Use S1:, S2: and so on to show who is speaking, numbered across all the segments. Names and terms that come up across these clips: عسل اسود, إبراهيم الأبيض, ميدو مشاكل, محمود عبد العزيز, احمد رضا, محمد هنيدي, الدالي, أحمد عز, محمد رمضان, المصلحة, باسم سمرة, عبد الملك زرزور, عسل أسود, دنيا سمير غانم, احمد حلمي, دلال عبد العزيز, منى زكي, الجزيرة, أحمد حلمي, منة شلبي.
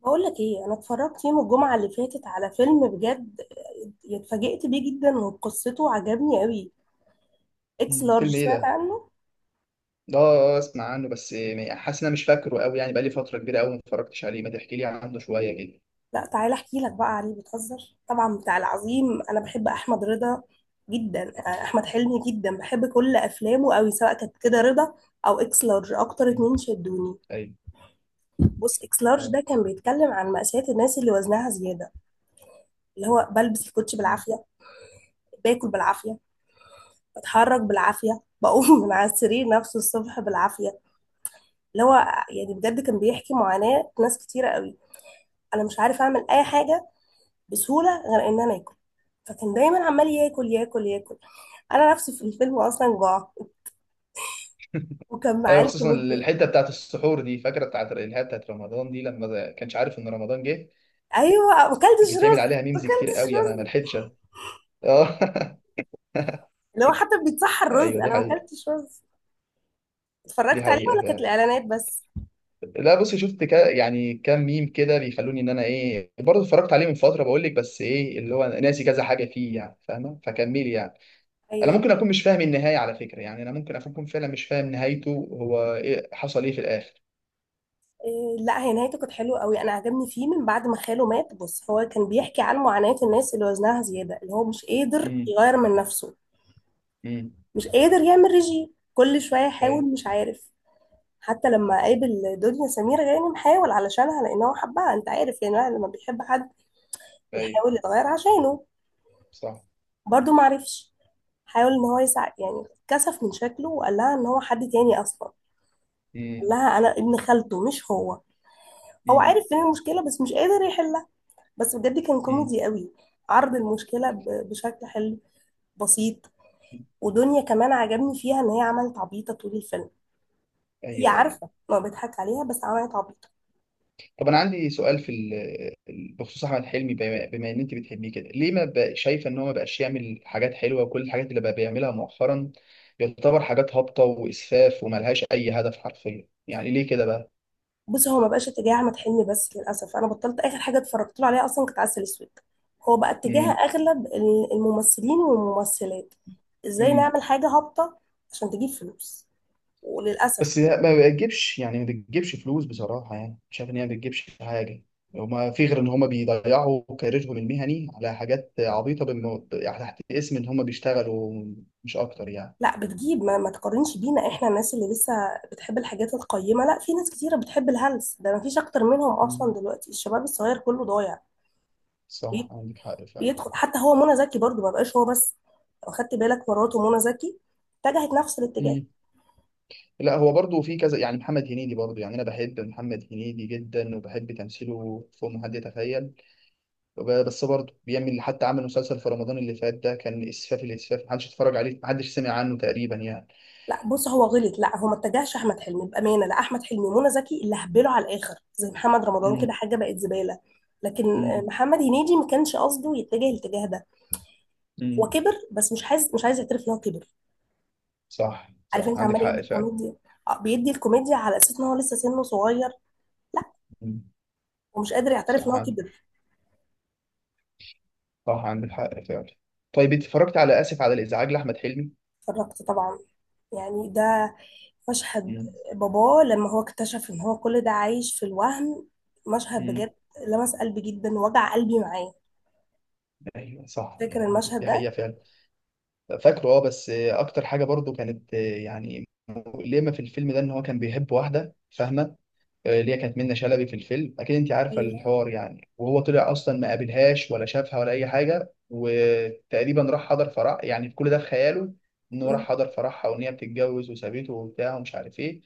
S1: بقول لك ايه، انا اتفرجت يوم الجمعه اللي فاتت على فيلم. بجد اتفاجئت بيه جدا وبقصته، عجبني قوي. اكس
S2: مم.
S1: لارج،
S2: فيلم ايه
S1: سمعت
S2: ده؟
S1: عنه؟
S2: اسمع عنه بس يعني حاسس ان انا مش فاكره قوي يعني بقالي فترة كبيرة قوي ما اتفرجتش عليه، ما تحكي لي عنه شوية كده.
S1: لا، تعالى احكي لك بقى عليه. بتهزر طبعا؟ بتاع العظيم، انا بحب احمد. رضا جدا، احمد حلمي جدا، بحب كل افلامه قوي، سواء كانت كده رضا او اكس لارج. اكتر
S2: مم.
S1: اتنين شدوني.
S2: ايوه.
S1: بص، اكس لارج
S2: اه.
S1: ده كان بيتكلم عن مأساة الناس اللي وزنها زياده، اللي هو بلبس الكوتش
S2: مم.
S1: بالعافيه، باكل بالعافيه، بتحرك بالعافيه، بقوم من على السرير نفسه الصبح بالعافيه. اللي هو يعني بجد كان بيحكي معاناة ناس كتيرة قوي. انا مش عارف اعمل اي حاجة بسهولة غير ان انا اكل. فكان دايما عمال ياكل ياكل ياكل. انا نفسي في الفيلم اصلا جوع، وكان معاه
S2: ايوه، خصوصا
S1: الكوميديا.
S2: الحتة بتاعت السحور دي، فاكرة بتاعت اللي هي بتاعت رمضان دي لما ما كانش عارف ان رمضان جه،
S1: ايوه، ما
S2: كان
S1: اكلتش
S2: بيتعمل
S1: رز،
S2: عليها
S1: ما
S2: ميمز كتير
S1: اكلتش
S2: قوي. انا ما
S1: رز.
S2: لحقتش أ- اه.
S1: اللي هو حتى بيتصحى الرز،
S2: ايوه دي
S1: انا ما
S2: حقيقة.
S1: اكلتش رز.
S2: دي
S1: اتفرجت عليه
S2: حقيقة
S1: ولا كانت
S2: فعلا.
S1: الاعلانات بس؟
S2: لا بص، شفت كا يعني كام ميم كده بيخلوني ان انا ايه برضه اتفرجت عليه من فترة، بقول لك بس ايه اللي هو ناسي كذا حاجة فيه، يعني فاهمة، فكملي يعني. انا
S1: ايوه.
S2: ممكن اكون مش فاهم النهايه على فكره، يعني انا ممكن اكون فعلا مش فاهم نهايته هو ايه، حصل ايه في الاخر.
S1: إيه، لا، هي نهايته كانت حلوه قوي. انا عجبني فيه من بعد ما خاله مات. بص، هو كان بيحكي عن معاناه الناس اللي وزنها زياده، اللي هو مش قادر
S2: امم.
S1: يغير من نفسه.
S2: امم.
S1: مش قادر يعمل ريجيم، كل شوية يحاول،
S2: ايوه.
S1: مش عارف. حتى لما قابل دنيا سمير غانم، حاول علشانها لأن هو حبها. أنت عارف، يعني الواحد لما بيحب حد
S2: ايوه.
S1: بيحاول يتغير عشانه.
S2: صح.
S1: برضه معرفش. حاول إن هو يساعد، يعني كسف من شكله وقال لها إن هو حد تاني أصلا. قال
S2: امم.
S1: لها أنا ابن خالته، مش هو. هو عارف
S2: امم.
S1: فين المشكلة بس مش قادر يحلها. بس بجد كان
S2: امم.
S1: كوميدي قوي. عرض المشكلة بشكل حلو، بسيط. ودنيا كمان عجبني فيها إن هي عملت عبيطة طول الفيلم. هي
S2: ايوه. ايوه.
S1: عارفة ما بيضحك عليها بس عملت عبيطة.
S2: طب انا عندي سؤال في بخصوص احمد حلمي، بما ان انت بتحبيه كده، ليه ما بقى شايفه ان هو ما بقاش يعمل حاجات حلوه، وكل الحاجات اللي بقى بيعملها مؤخرا يعتبر حاجات هابطه واسفاف وملهاش اي هدف حرفيا، يعني ليه كده بقى؟
S1: بصي، هو ما بقاش اتجاه احمد حلمي، بس للاسف انا بطلت. اخر حاجه اتفرجت له عليها اصلا كانت عسل اسود. هو بقى اتجاه اغلب الممثلين والممثلات. ازاي
S2: امم.
S1: نعمل حاجه هابطه عشان تجيب فلوس؟ وللاسف.
S2: بس لا، ما بتجيبش يعني، ما بتجيبش فلوس بصراحة، يعني شايف إن هي ما بتجيبش حاجة، وما في غير إن هما بيضيعوا كاريرهم المهني على حاجات عبيطة بالم... يعني تحت اسم إن هما بيشتغلوا، مش أكتر يعني.
S1: لا، بتجيب. ما تقارنش بينا، احنا الناس اللي لسه بتحب الحاجات القيمه. لا، في ناس كتيره بتحب الهلس ده، ما فيش اكتر منهم اصلا
S2: مم.
S1: دلوقتي. الشباب الصغير كله ضايع.
S2: صح،
S1: بي-
S2: عندك حق فعلا.
S1: بيدخل حتى هو. منى زكي برضو، ما بقاش هو بس. لو خدت بالك، مراته منى زكي اتجهت نفس الاتجاه.
S2: مم. لا هو برضه في كذا، يعني محمد هنيدي برضه، يعني أنا بحب محمد هنيدي جدا وبحب تمثيله فوق ما حد يتخيل، بس برضه بيعمل، حتى عمل مسلسل في رمضان اللي فات ده كان إسفاف الإسفاف، محدش اتفرج عليه، محدش سمع عنه تقريبا يعني.
S1: لا بص، هو غلط. لا، هو ما اتجهش احمد حلمي بامانه. لا، احمد حلمي ومنى زكي اللي هبلوا على الاخر، زي محمد رمضان كده،
S2: مم.
S1: حاجه بقت زباله. لكن
S2: مم.
S1: محمد هنيدي ما كانش قصده يتجه الاتجاه ده.
S2: مم.
S1: هو كبر بس مش عايز، مش عايز يعترف ان هو كبر.
S2: صح
S1: عارف
S2: صح،
S1: انت،
S2: عندك
S1: عمال
S2: حق
S1: يدي
S2: فعلا.
S1: الكوميديا. بيدي الكوميديا على اساس ان هو لسه سنه صغير. لا،
S2: مم.
S1: ومش قادر يعترف ان
S2: صح
S1: هو
S2: عندك.
S1: كبر.
S2: صح عندك حق فعلا. طيب انت اتفرجت على اسف على الازعاج لاحمد حلمي؟
S1: اتفرجت طبعا. يعني ده مشهد
S2: مم.
S1: باباه لما هو اكتشف ان هو كل ده عايش في الوهم. مشهد
S2: مم.
S1: بجد لمس قلبي جدا، وجع قلبي معاه.
S2: ايوه صح،
S1: فاكر
S2: يعني
S1: المشهد
S2: دي حقيقه
S1: ده؟
S2: فعلا. فاكره اه، بس اكتر حاجه برضو كانت يعني مؤلمه في الفيلم ده، ان هو كان بيحب واحده فاهمه، اللي هي كانت منة شلبي في الفيلم، اكيد انت عارفه
S1: ايوه.
S2: الحوار يعني، وهو طلع اصلا ما قابلهاش ولا شافها ولا اي حاجه، وتقريبا راح حضر فرح يعني كل ده في خياله، انه راح
S1: مم.
S2: حضر فرحها وان هي بتتجوز وسابته وبتاع ومش عارف ايه،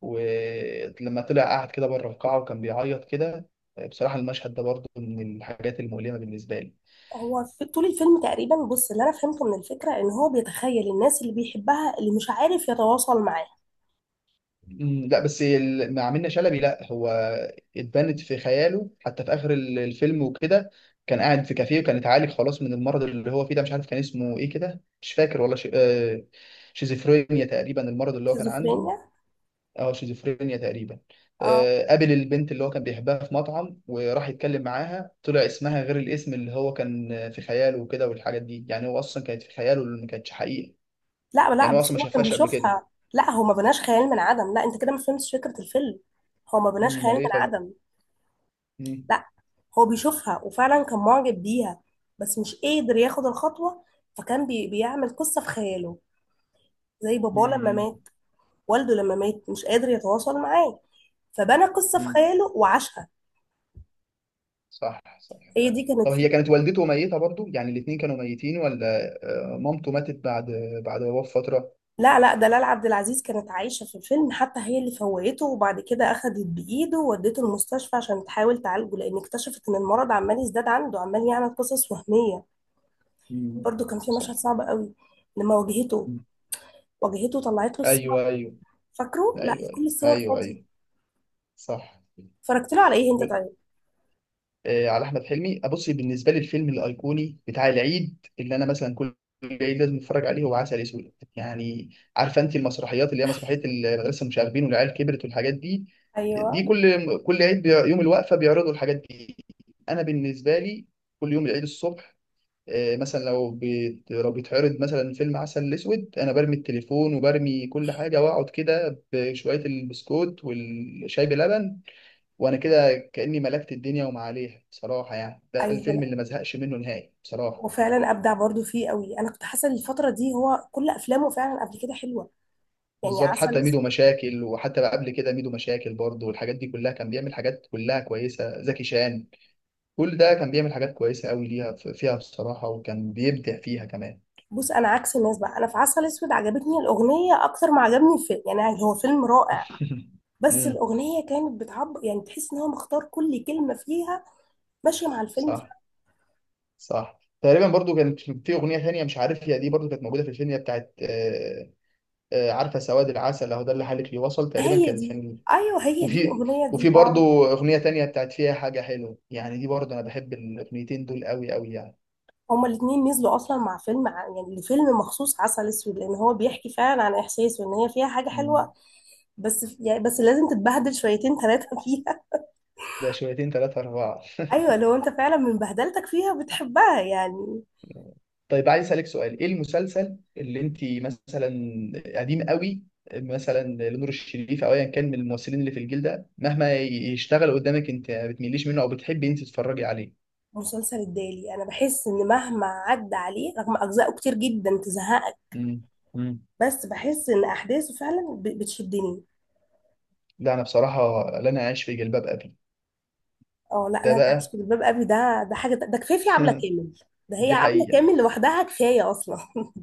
S2: ولما طلع قعد كده بره القاعه وكان بيعيط كده. بصراحه المشهد ده برضه من الحاجات المؤلمه بالنسبه لي.
S1: هو في طول الفيلم تقريبا. بص، اللي انا فهمته من الفكره ان هو بيتخيل الناس اللي بيحبها، اللي مش عارف يتواصل معاها.
S2: مم، لا بس مع منة شلبي لا هو اتبنت في خياله، حتى في اخر الفيلم وكده، كان قاعد في كافيه وكان اتعالج خلاص من المرض اللي هو فيه ده، مش عارف كان اسمه ايه كده، مش فاكر والله، ش... آه، شيزوفرينيا تقريبا المرض اللي هو كان عنده.
S1: شيزوفرينيا.
S2: اه، شيزوفرينيا تقريبا.
S1: اه.
S2: قابل البنت اللي هو كان بيحبها في مطعم، وراح يتكلم معاها، طلع اسمها غير الاسم اللي هو كان في خياله وكده، والحاجات دي يعني هو اصلا كانت في خياله اللي ما كانتش حقيقة،
S1: لا لا،
S2: يعني هو اصلا
S1: بس
S2: ما
S1: هو كان
S2: شافهاش قبل كده.
S1: بيشوفها. لا، هو ما بناش خيال من عدم. لا، انت كده ما فهمتش فكره الفيلم. هو ما
S2: مم،
S1: بناش خيال
S2: امال
S1: من
S2: ايه طيب.
S1: عدم.
S2: مم.
S1: لا، هو بيشوفها وفعلا كان معجب بيها، بس مش قادر ياخد الخطوه. فكان بيعمل قصه في خياله. زي باباه لما
S2: مم.
S1: مات، والده لما مات مش قادر يتواصل معاه، فبنى قصه في
S2: مم.
S1: خياله وعاشها.
S2: صح صح
S1: هي دي
S2: فعلا.
S1: كانت
S2: طب هي
S1: فكره.
S2: كانت والدته ميتة برضو يعني، الاتنين كانوا ميتين ولا؟ مامته ماتت بعد، بعد وفاة فترة.
S1: لا لا، دلال عبد العزيز كانت عايشة في الفيلم. حتى هي اللي فوقته، وبعد كده أخدت بإيده وودته المستشفى عشان تحاول تعالجه، لأن اكتشفت إن المرض عمال يزداد عنده، عمال يعمل قصص وهمية.
S2: مم.
S1: برضو كان في مشهد
S2: صح.
S1: صعب قوي لما واجهته.
S2: مم.
S1: واجهته، طلعت له الصور.
S2: ايوه ايوه
S1: فاكره؟ لا،
S2: ايوه. ايوه
S1: كل الصور
S2: ايوه،
S1: فاضية.
S2: أيوة. صح.
S1: اتفرجت له على إيه أنت طيب؟
S2: على احمد حلمي بصي، بالنسبه لي الفيلم الايقوني بتاع العيد، اللي انا مثلا كل العيد لازم اتفرج عليه، هو عسل اسود يعني. عارفه انت المسرحيات اللي هي مسرحيه المدرسه، المشاغبين، والعيال كبرت، والحاجات دي، دي
S1: أيوه،
S2: كل كل عيد يوم الوقفه بيعرضوا الحاجات دي. انا بالنسبه لي كل يوم العيد الصبح، مثلا لو لو بيتعرض مثلا فيلم عسل اسود، انا برمي التليفون وبرمي كل حاجه واقعد كده بشويه البسكوت والشاي بلبن، وانا كده كاني ملكت الدنيا وما عليها بصراحه يعني، ده
S1: أيوه.
S2: الفيلم
S1: لا،
S2: اللي ما زهقش منه نهائي بصراحه.
S1: وفعلا أبدع برضو فيه قوي. أنا كنت حاسة إن الفترة دي هو كل أفلامه فعلا قبل كده حلوة. يعني
S2: بالظبط،
S1: عسل.
S2: حتى ميدو مشاكل، وحتى بقى قبل كده ميدو مشاكل برضه والحاجات دي كلها، كان بيعمل حاجات كلها كويسه، زكي شان، كل ده كان بيعمل حاجات كويسه قوي ليها فيها بصراحه، وكان بيبدع فيها كمان.
S1: بص، انا عكس الناس بقى. انا في عسل اسود عجبتني الاغنيه اكتر ما عجبني الفيلم، يعني هو فيلم رائع. بس
S2: امم.
S1: الاغنيه كانت بتعبر، يعني تحس ان هو مختار كل كلمه فيها، ماشيه مع الفيلم.
S2: صح. صح، تقريبا برضو كانت في اغنيه ثانيه، مش عارف هي دي برضو كانت موجوده في الفيلم، هي بتاعت عارفه سواد العسل اهو ده اللي حالك لي وصل، تقريبا
S1: هي
S2: كانت
S1: دي.
S2: في،
S1: ايوه، هي دي
S2: وفي
S1: الاغنيه
S2: وفي
S1: دي. اه،
S2: برضو اغنيه تانية بتاعت فيها حاجه حلوه يعني، دي برضو انا بحب الاغنيتين دول قوي قوي يعني.
S1: هما الاتنين نزلوا اصلا مع فيلم يعني لفيلم مخصوص، عسل اسود، لان هو بيحكي فعلا عن احساس، وان هي فيها حاجه
S2: مم.
S1: حلوه. بس يعني، بس لازم تتبهدل شويتين ثلاثه فيها.
S2: ده شويتين ثلاثة أربعة.
S1: ايوه، لو انت فعلا من بهدلتك فيها بتحبها يعني.
S2: طيب عايز أسألك سؤال، إيه المسلسل اللي أنت مثلا قديم قوي، مثلا لنور الشريف أو أيا كان من الممثلين اللي في الجيل ده، مهما يشتغل قدامك أنت ما بتميليش منه أو بتحبي أنت تتفرجي عليه؟
S1: مسلسل الدالي، انا بحس ان مهما عدى عليه، رغم اجزائه كتير جدا تزهقك،
S2: مم. مم.
S1: بس بحس ان احداثه فعلا بتشدني.
S2: لا أنا بصراحة، لا أنا عايش في جلباب أبي.
S1: اه، لا
S2: ده
S1: لا، انت عايش
S2: بقى.
S1: في جلباب ابي؟ ده حاجه، ده كفايه في عبله كامل. ده هي
S2: دي
S1: عبله
S2: حقيقة.
S1: كامل لوحدها كفايه اصلا.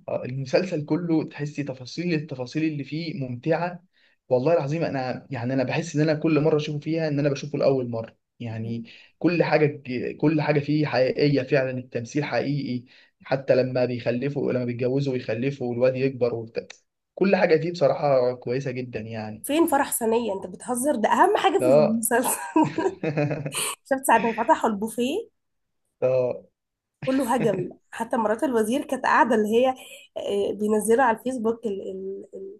S2: المسلسل كله تحسي تفاصيل التفاصيل اللي فيه ممتعة، والله العظيم انا يعني انا بحس ان انا كل مرة اشوفه فيها ان انا بشوفه لاول مرة يعني، كل حاجة كل حاجة فيه حقيقية فعلا، التمثيل حقيقي، حتى لما بيخلفوا، لما بيتجوزوا ويخلفوا، والواد يكبر وبتاع، كل حاجة فيه بصراحة كويسة جدا يعني.
S1: فين فرح ثانيه؟ انت بتهزر، ده اهم حاجه في
S2: اه.
S1: المسلسل. شفت ساعه ما فتحوا البوفيه،
S2: اه.
S1: كله هجم؟ حتى مرات الوزير كانت قاعده، اللي هي بينزلها على الفيسبوك،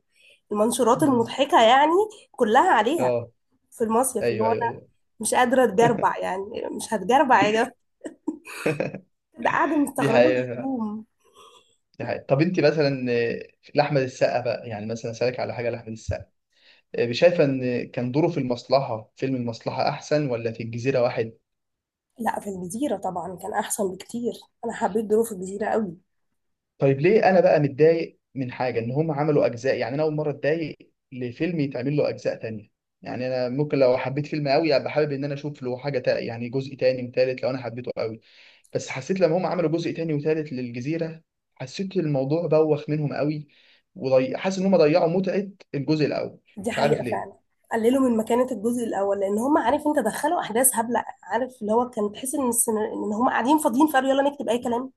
S1: المنشورات
S2: مم.
S1: المضحكه يعني، كلها عليها.
S2: اه.
S1: في المصيف اللي
S2: ايوه
S1: هو
S2: ايوه ايوه.
S1: مش قادرة اتجربع، يعني مش هتجربع يا جماعة؟ ده قاعدة
S2: دي
S1: مستغربة
S2: حقيقة.
S1: الهدوم.
S2: دي حقيقة. طب انت مثلا لأحمد السقا بقى يعني، مثلا سألك على حاجة لأحمد السقا، شايفة إن كان دوره في المصلحة، فيلم المصلحة أحسن، ولا في الجزيرة واحد؟
S1: لا، في الجزيرة طبعا كان أحسن بكتير. أنا حبيت ظروف الجزيرة قوي.
S2: طيب ليه أنا بقى متضايق من حاجة إن هم عملوا أجزاء، يعني أنا أول مرة أتضايق لفيلم يتعمل له أجزاء تانية، يعني أنا ممكن لو حبيت فيلم قوي أبقى حابب إن أنا أشوف له حاجة يعني جزء تاني وتالت لو أنا حبيته قوي، بس حسيت لما هم عملوا جزء تاني وتالت للجزيرة، حسيت الموضوع بوخ منهم قوي، حاسس إن هم ضيعوا متعة الجزء الأول،
S1: دي
S2: مش عارف
S1: حقيقة فعلا.
S2: ليه.
S1: قللوا من مكانة الجزء الأول، لأن هم، عارف أنت، دخلوا أحداث هبلة. عارف، اللي هو كان تحس إن إن هم قاعدين فاضيين، فقالوا يلا نكتب أي كلام.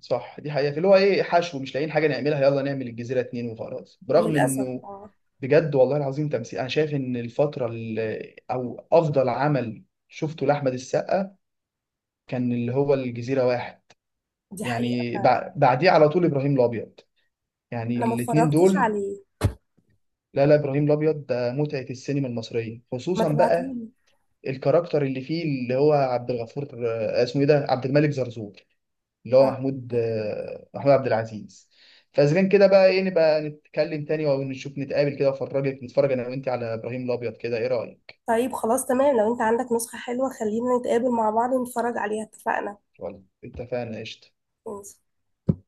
S2: صح، دي حقيقة، اللي هو ايه حشو، مش لاقيين حاجة نعملها، يلا نعمل الجزيرة اتنين وخلاص، برغم
S1: للأسف،
S2: انه
S1: اه.
S2: بجد والله العظيم تمثيل، انا شايف ان الفترة اللي، او افضل عمل شفته لأحمد السقا كان اللي هو الجزيرة واحد،
S1: دي حقيقة
S2: يعني
S1: فعلا.
S2: بعديه على طول ابراهيم الابيض، يعني
S1: أنا ما
S2: الاتنين
S1: اتفرجتش
S2: دول.
S1: عليه،
S2: لا لا، ابراهيم الابيض ده متعة السينما المصرية
S1: ما
S2: خصوصا بقى،
S1: تبعتهولي.
S2: الكاركتر اللي فيه اللي هو عبد الغفور، اسمه ايه ده، عبد الملك زرزور، اللي هو
S1: آه.
S2: محمود، محمود عبد العزيز. فاذا كان كده بقى ايه، نبقى نتكلم تاني او نشوف نتقابل كده وافرجك، نتفرج انا وانت على ابراهيم الابيض كده، ايه رايك؟
S1: طيب، خلاص تمام، لو أنت عندك نسخة حلوة خلينا نتقابل مع بعض ونتفرج عليها. اتفقنا.
S2: ولا اتفقنا، قشطه.
S1: ماشي.